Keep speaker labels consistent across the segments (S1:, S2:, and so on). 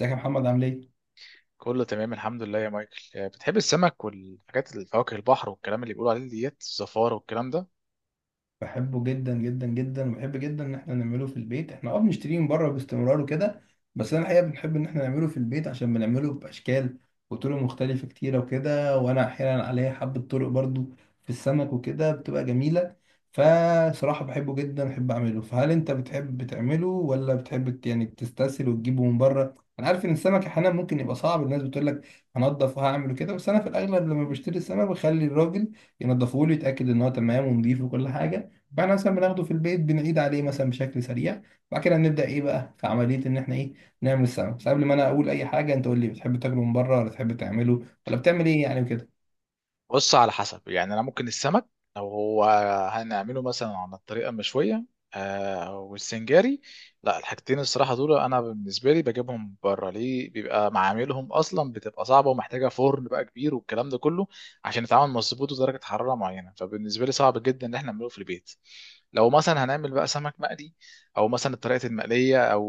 S1: ازيك يا محمد، عامل ايه؟
S2: كله تمام الحمد لله يا مايكل. بتحب السمك والحاجات الفواكه البحر والكلام اللي بيقولوا عليه ديت الزفارة والكلام ده؟
S1: بحبه جدا جدا جدا، وبحب جدا ان احنا نعمله في البيت. احنا بنشتريه من بره باستمرار وكده. بس انا الحقيقه بنحب ان احنا نعمله في البيت عشان بنعمله باشكال وطرق مختلفه كتيره وكده. وانا احيانا عليا حبه طرق برضو في السمك وكده بتبقى جميله. فصراحه بحبه جدا، بحب اعمله. فهل انت بتحب تعمله ولا بتحب يعني تستسهل وتجيبه من بره؟ انا عارف ان السمك احيانا ممكن يبقى صعب، الناس بتقول لك هنضف وهعمل كده، بس انا في الاغلب لما بشتري السمك بخلي الراجل ينضفه لي، يتاكد ان هو تمام ونضيف وكل حاجه. بعد مثلا بناخده في البيت بنعيد عليه مثلا بشكل سريع. بعد كده نبدا ايه بقى في عمليه ان احنا ايه نعمل السمك. بس قبل ما انا اقول اي حاجه انت قول لي، بتحب تاكله من بره ولا تحب تعمله ولا بتعمل ايه يعني وكده؟
S2: بص، على حسب. يعني انا ممكن السمك لو هو هنعمله مثلا على الطريقه المشويه والسنجاري، لا الحاجتين الصراحه دول انا بالنسبه لي بجيبهم بره، ليه؟ بيبقى معاملهم اصلا بتبقى صعبه ومحتاجه فرن بقى كبير والكلام ده كله عشان يتعامل مظبوط ودرجه حراره معينه، فبالنسبه لي صعب جدا ان احنا نعمله في البيت. لو مثلا هنعمل بقى سمك مقلي او مثلا طريقه المقليه او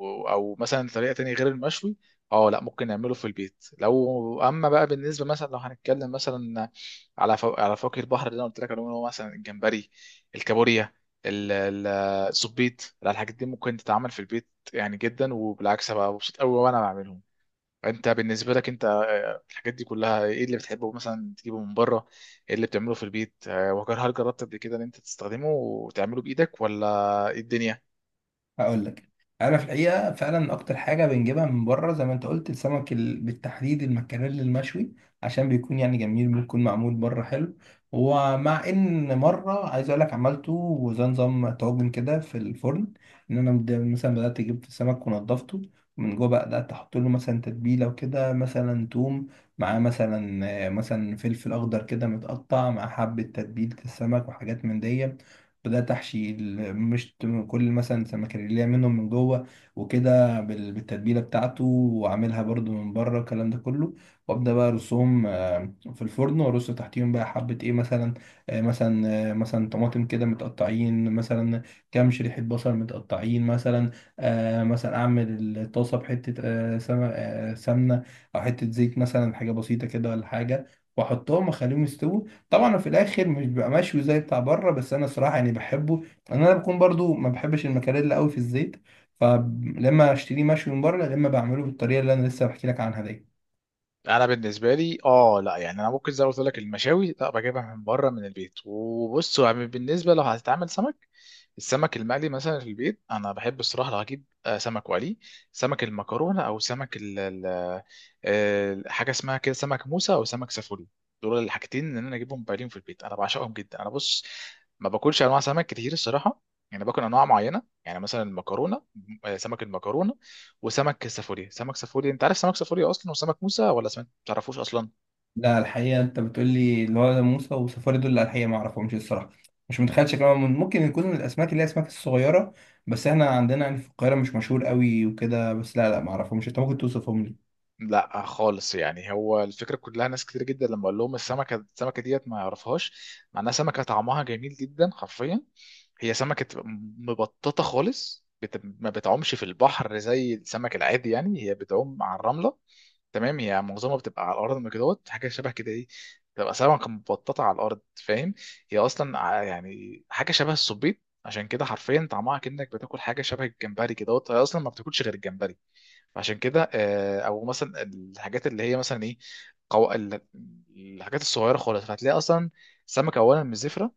S2: او مثلا طريقه تانية غير المشوي، اه لا ممكن نعمله في البيت. لو اما بقى بالنسبه مثلا لو هنتكلم مثلا على على فواكه البحر اللي انا قلت لك عليهم، اللي هو مثلا الجمبري، الكابوريا، ال- ال- الزبيط، لا الحاجات دي ممكن تتعمل في البيت يعني جدا، وبالعكس بقى مبسوط قوي وانا بعملهم. انت بالنسبه لك انت الحاجات دي كلها ايه اللي بتحبه مثلا تجيبه من بره؟ ايه اللي بتعمله في البيت؟ وهل جربت قبل كده ان انت تستخدمه وتعمله بايدك ولا ايه الدنيا؟
S1: هقول لك، انا في الحقيقه فعلا اكتر حاجه بنجيبها من بره زي ما انت قلت السمك بالتحديد المكاريل المشوي، عشان بيكون يعني جميل، بيكون معمول بره حلو. ومع ان مره عايز اقول لك عملته وزي نظام طاجن كده في الفرن، ان انا مثلا بدات اجيب السمك ونضفته من جوه. بقى بدات احط له مثلا تتبيله وكده، مثلا توم مع مثلا فلفل اخضر كده متقطع، مع حبه تتبيله السمك وحاجات من دي. بدأت أحشي مش كل مثلا سمكة اللي منهم من جوه وكده بالتتبيلة بتاعته، وأعملها برضو من بره الكلام ده كله. وأبدأ بقى أرصهم في الفرن، وأرص تحتيهم بقى حبة إيه، مثلا مثلا طماطم كده متقطعين، مثلا كام شريحة بصل متقطعين، مثلا مثلا أعمل الطاسة بحتة سمنة، أو حتة زيت مثلا، حاجة بسيطة كده ولا حاجة، وأحطهم أخليهم يستووا. طبعا في الاخر مش بيبقى مشوي زي بتاع بره، بس انا صراحه يعني بحبه، لان انا بكون برضو ما بحبش المكاريلا قوي في الزيت. فلما اشتريه مشوي من بره، لما بعمله بالطريقه اللي انا لسه بحكي لك عنها دي.
S2: انا بالنسبه لي اه لا، يعني انا ممكن زي ما قلت لك المشاوي لا بجيبها من بره من البيت. وبص، يعني بالنسبه لو هتتعمل سمك، السمك المقلي مثلا في البيت، انا بحب الصراحه لو هجيب سمك وقلي سمك المكرونه او سمك حاجه اسمها كده سمك موسى او سمك سافوري، دول الحاجتين ان انا اجيبهم بايلين في البيت انا بعشقهم جدا. انا بص، ما باكلش انواع سمك كتير الصراحه، يعني باكل انواع معينه، يعني مثلا المكرونه، سمك المكرونه وسمك سافوري. سمك سافوري انت عارف سمك سافوري اصلا وسمك موسى ولا سمك تعرفوش اصلا؟
S1: لا، الحقيقه انت بتقول لي اللي هو ده موسى وسفاري دول، لا الحقيقه ما اعرفهمش الصراحه. مش متخيل شكلهم، ممكن يكون من الاسماك اللي هي الاسماك الصغيره، بس احنا عندنا يعني في القاهره مش مشهور قوي وكده. بس لا لا، ما اعرفهمش. انت ممكن توصفهم لي؟
S2: لا خالص، يعني هو الفكره كلها ناس كتير جدا لما اقول لهم السمكه السمكه ديت ما يعرفهاش، مع انها سمكه طعمها جميل جدا حرفيا. هي سمكه مبططه خالص، ما بتعومش في البحر زي السمك العادي، يعني هي بتعوم على الرمله، تمام؟ هي معظمها بتبقى على الارض من كدهوت، حاجه شبه كده ايه، بتبقى سمكه مبططه على الارض، فاهم؟ هي اصلا يعني حاجه شبه السبيط، عشان كده حرفيا طعمها كأنك بتاكل حاجه شبه الجمبري كدهوت، هي اصلا ما بتاكلش غير الجمبري، عشان كده. او مثلا الحاجات اللي هي مثلا ايه، قو... ال- الحاجات الصغيره خالص، فهتلاقي اصلا سمكه اولا مش زفره،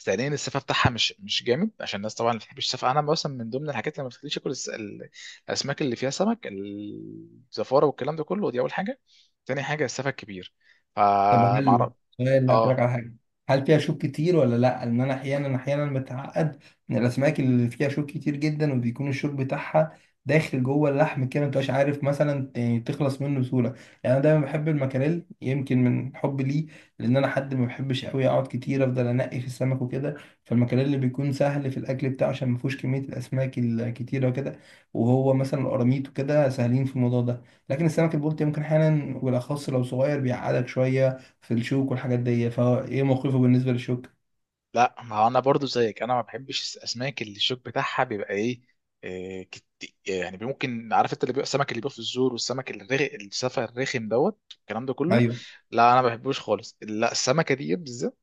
S2: ثانيا السفه بتاعها مش جامد، عشان الناس طبعا ما بتحبش السفه. انا مثلا من ضمن الحاجات اللي ما بتخليش اكل الاسماك اللي فيها سمك الزفاره والكلام ده كله، دي اول حاجه. تاني حاجه السفه الكبير،
S1: طب،
S2: فمعرف.
S1: سؤال اسالك
S2: اه.
S1: على حاجه: هل فيها شوك كتير ولا لا؟ ان انا احيانا متعقد من الاسماك اللي فيها شوك كتير جدا، وبيكون الشوك بتاعها داخل جوه اللحم كده، مبتبقاش عارف مثلا يعني تخلص منه بسهوله. يعني انا دايما بحب المكاريل يمكن من حب ليه، لان انا حد ما بحبش قوي اقعد كتير افضل انقي في السمك وكده. فالمكاريل اللي بيكون سهل في الاكل بتاعه عشان ما فيهوش كميه الاسماك الكتيره وكده. وهو مثلا القراميط وكده سهلين في الموضوع ده. لكن السمك البلطي ممكن احيانا وبالاخص لو صغير بيعقدك شويه في الشوك والحاجات دي. فهو ايه موقفه بالنسبه للشوك؟
S2: لا ما هو انا برضو زيك، انا ما بحبش الاسماك اللي الشوك بتاعها بيبقى ايه، يعني ممكن عارف انت اللي بيبقى السمك اللي بيبقى في الزور والسمك السفه الرخم دوت الكلام ده كله.
S1: ايوه،
S2: لا انا ما بحبوش خالص، لا السمكه دي بالذات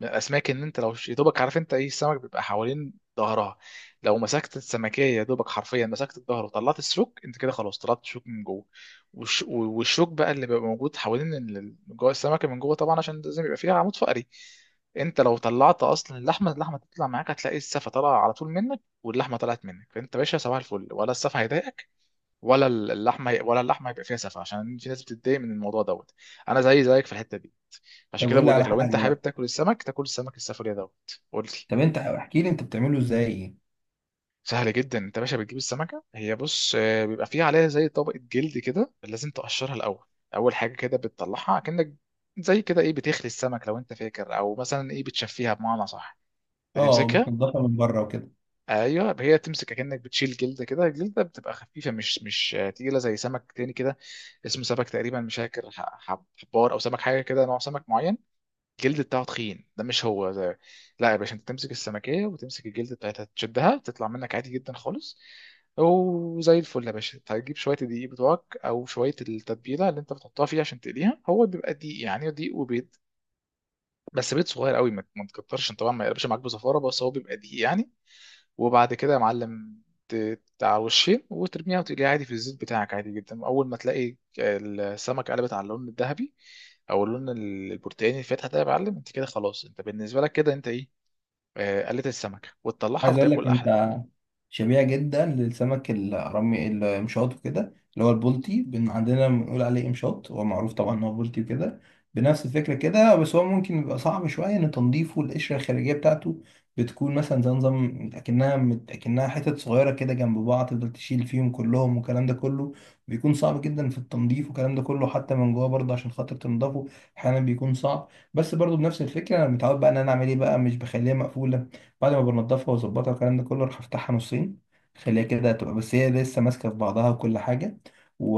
S2: من الاسماك ان انت لو يا دوبك عارف انت ايه السمك بيبقى حوالين ظهرها، لو مسكت السمكيه يا دوبك حرفيا مسكت الظهر وطلعت الشوك، انت كده خلاص طلعت الشوك من جوه. والشوك بقى اللي بيبقى موجود حوالين جوه السمكه من جوه طبعا عشان لازم يبقى فيها عمود فقري. انت لو طلعت اصلا اللحمه، اللحمه تطلع معاك، هتلاقي السفه طالعه على طول منك واللحمه طلعت منك، فانت باشا صباح الفل، ولا السفه هيضايقك ولا اللحمه هيبقى فيها سفه، عشان في ناس بتتضايق من الموضوع دوت. انا زي زيك في الحته دي، عشان
S1: طب
S2: كده
S1: قول لي
S2: بقول
S1: على
S2: لك لو انت
S1: حاجه
S2: حابب
S1: بقى.
S2: تاكل السمك تاكل السمك السفرية دوت، قول لي.
S1: طب انت احكي لي، انت بتعمله ازاي؟
S2: سهل جدا. انت يا باشا بتجيب السمكه، هي بص بيبقى فيها عليها زي طبقه جلد كده لازم تقشرها الاول. اول حاجه كده بتطلعها كأنك زي كده ايه، بتخلي السمك لو انت فاكر، او مثلا ايه بتشفيها بمعنى صح،
S1: اه،
S2: بتمسكها.
S1: بتنضفها من بره وكده.
S2: ايوه، هي تمسك كأنك بتشيل جلد كده، الجلده بتبقى خفيفه مش تقيله زي سمك تاني كده، اسمه سمك تقريبا مش فاكر حبار او سمك حاجه كده نوع سمك معين، الجلد بتاعه تخين ده، مش هو ده. لا يا باشا، انت تمسك السمكية وتمسك الجلد بتاعتها تشدها تطلع منك عادي جدا خالص، وزي الفل. يا باشا هتجيب شوية الدقيق بتوعك أو شوية التتبيلة اللي أنت بتحطها فيها عشان تقليها، هو بيبقى دقيق، يعني دقيق وبيض، بس بيض صغير قوي، ما تكترش طبعا ما يقلبش معاك بزفارة، بس هو بيبقى دقيق يعني. وبعد كده يا معلم، على وشين وترميها وتقليها عادي في الزيت بتاعك عادي جدا. اول ما تلاقي السمك قلبت على اللون الذهبي او اللون البرتقاني الفاتح ده، يا معلم انت كده خلاص، انت بالنسبه لك كده انت ايه، قلت السمكه وتطلعها
S1: عايز اقول لك
S2: وتاكل احلى.
S1: انت، شبيهة جدا للسمك الرمي المشاط وكده، اللي هو البلطي بن عندنا بنقول عليه امشاط، هو معروف طبعا ان هو بلطي وكده. بنفس الفكرة كده، بس هو ممكن يبقى صعب شوية ان تنظيفه. القشرة الخارجية بتاعته بتكون مثلا زي نظام اكنها اكنها حتت صغيرة كده جنب بعض، تفضل تشيل فيهم كلهم والكلام ده كله، بيكون صعب جدا في التنظيف والكلام ده كله. حتى من جوه برضه عشان خاطر تنضفه احيانا بيكون صعب. بس برضه بنفس الفكرة انا متعود بقى ان انا اعمل ايه بقى، مش بخليها مقفولة. بعد ما بنضفها واظبطها والكلام ده كله راح افتحها نصين. خليها كده تبقى بس هي لسه ماسكه في بعضها وكل حاجه. و...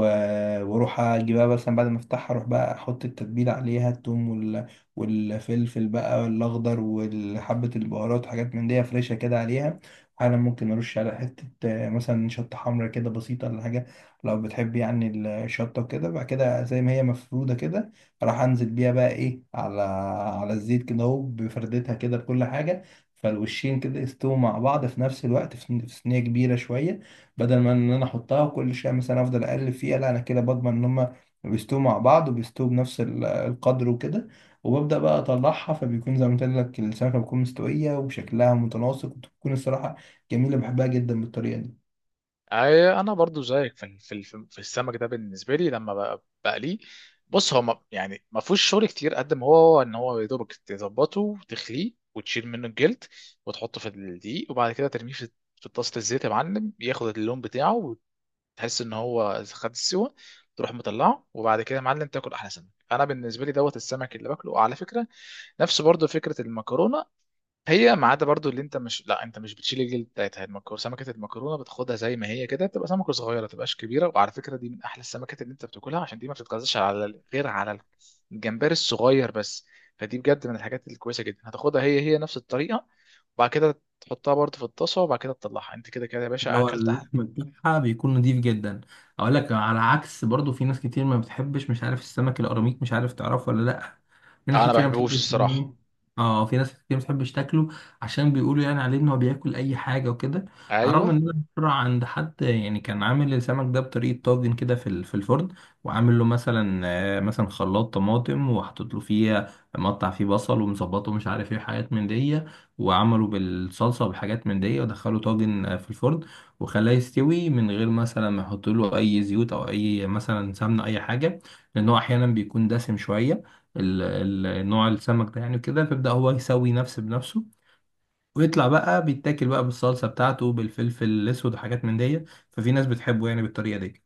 S1: واروح اجيبها، بس بعد ما افتحها اروح بقى احط التتبيله عليها، التوم والفلفل بقى الاخضر وحبه البهارات وحاجات من دي فريشه كده عليها. احيانا ممكن ارش على حته مثلا شطه حمرا كده بسيطه ولا حاجه، لو بتحب يعني الشطه وكده. بعد كده زي ما هي مفروده كده راح انزل بيها بقى ايه على الزيت كده اهو بفردتها كده بكل حاجه. فالوشين كده يستووا مع بعض في نفس الوقت، في صينيه كبيره شويه، بدل ما ان انا احطها وكل شويه مثلا افضل اقلب فيها. لا، انا كده بضمن ان هما بيستووا مع بعض وبيستووا بنفس القدر وكده. وببدأ بقى أطلعها، فبيكون زي ما قلت لك السمكة بتكون مستوية وشكلها متناسق، وتكون الصراحة جميلة، بحبها جدا بالطريقة دي.
S2: أي- انا برضو زيك في في السمك ده. بالنسبه لي لما بقليه، بص هو يعني ما فيهوش شغل كتير قد ما هو ان هو يا دوبك تظبطه وتخليه وتشيل منه الجلد وتحطه في الدقيق، وبعد كده ترميه في في طاسه الزيت، يا معلم ياخد اللون بتاعه، وتحس ان هو خد السوا، تروح مطلعه. وبعد كده يا معلم تاكل احلى سمك. انا بالنسبه لي دوت السمك اللي باكله على فكره، نفس برضو فكره المكرونه، هي ما عدا برضو اللي انت مش، لا انت مش بتشيل الجلد بتاعتها المكرونه. سمكه المكرونه بتاخدها زي ما هي كده، بتبقى سمكه صغيره ما تبقاش كبيره، وعلى فكره دي من احلى السمكات اللي انت بتاكلها، عشان دي ما بتتغذاش على غير على الجمبري الصغير بس، فدي بجد من الحاجات الكويسه جدا. هتاخدها هي نفس الطريقه، وبعد كده تحطها برضو في الطاسه، وبعد كده تطلعها، انت كده يا
S1: اللي
S2: باشا
S1: هو
S2: اكلت أحد.
S1: اللحم بتاعها بيكون نضيف جدا. اقول لك على عكس، برضو في ناس كتير ما بتحبش، مش عارف السمك القراميط مش عارف تعرفه ولا لا. في ناس
S2: انا ما
S1: كتير ما
S2: بحبهوش
S1: بتحبش
S2: الصراحه.
S1: اه في ناس كتير ما بتحبش تاكله، عشان بيقولوا يعني عليه ان هو بياكل اي حاجه وكده. على الرغم ان
S2: ايوه.
S1: انا مره عند حد يعني كان عامل السمك ده بطريقه طاجن كده في في الفرن، وعامل له مثلا خلاط طماطم وحاطط له فيه، مقطع فيه بصل ومظبطه مش عارف ايه حاجات من دي، وعمله بالصلصه وبحاجات من دي ودخله طاجن في الفرن، وخلاه يستوي من غير مثلا ما يحط له اي زيوت او اي مثلا سمنه اي حاجه، لان هو احيانا بيكون دسم شويه ال- نوع السمك ده يعني كده. فيبدا هو يسوي نفسه بنفسه، ويطلع بقى بيتاكل بقى بالصلصه بتاعته بالفلفل الاسود وحاجات من دي. ففي ناس بتحبه يعني بالطريقه دي.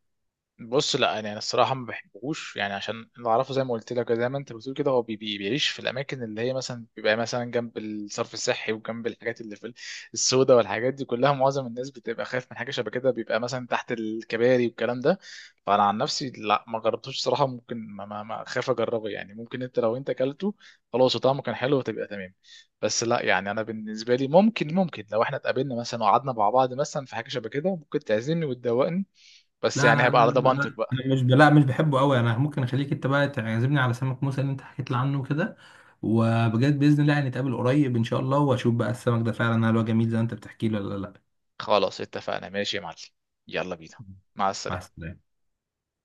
S2: بص لا، يعني انا الصراحه ما بحبهوش، يعني عشان اللي اعرفه زي ما قلت لك زي ما انت بتقول كده، هو بي بيعيش في الاماكن اللي هي مثلا بيبقى مثلا جنب الصرف الصحي وجنب الحاجات اللي في السوداء والحاجات دي كلها، معظم الناس بتبقى خايف من حاجه شبه كده، بيبقى مثلا تحت الكباري والكلام ده. فانا عن نفسي لا ما جربتوش صراحه، ممكن ما خايف اجربه يعني، ممكن انت لو انت اكلته خلاص وطعمه كان حلو وتبقى تمام. بس لا، يعني انا بالنسبه لي ممكن لو احنا اتقابلنا مثلا وقعدنا مع بعض مثلا في حاجه شبه كده ممكن تعزمني وتدوقني، بس
S1: لا
S2: يعني
S1: لا
S2: هبقى
S1: لا
S2: على
S1: لا لا،
S2: ضمانتك بقى.
S1: انا مش لا مش بحبه قوي. انا ممكن اخليك انت بقى تعزمني على سمك موسى اللي انت حكيت لي عنه كده. وبجد باذن الله هنتقابل قريب ان شاء الله، واشوف بقى السمك ده فعلا هل هو جميل زي ما انت بتحكي لي ولا لا.
S2: خلاص اتفقنا، ماشي يا معلم. يلا بينا، مع
S1: مع
S2: السلامة.
S1: السلامه.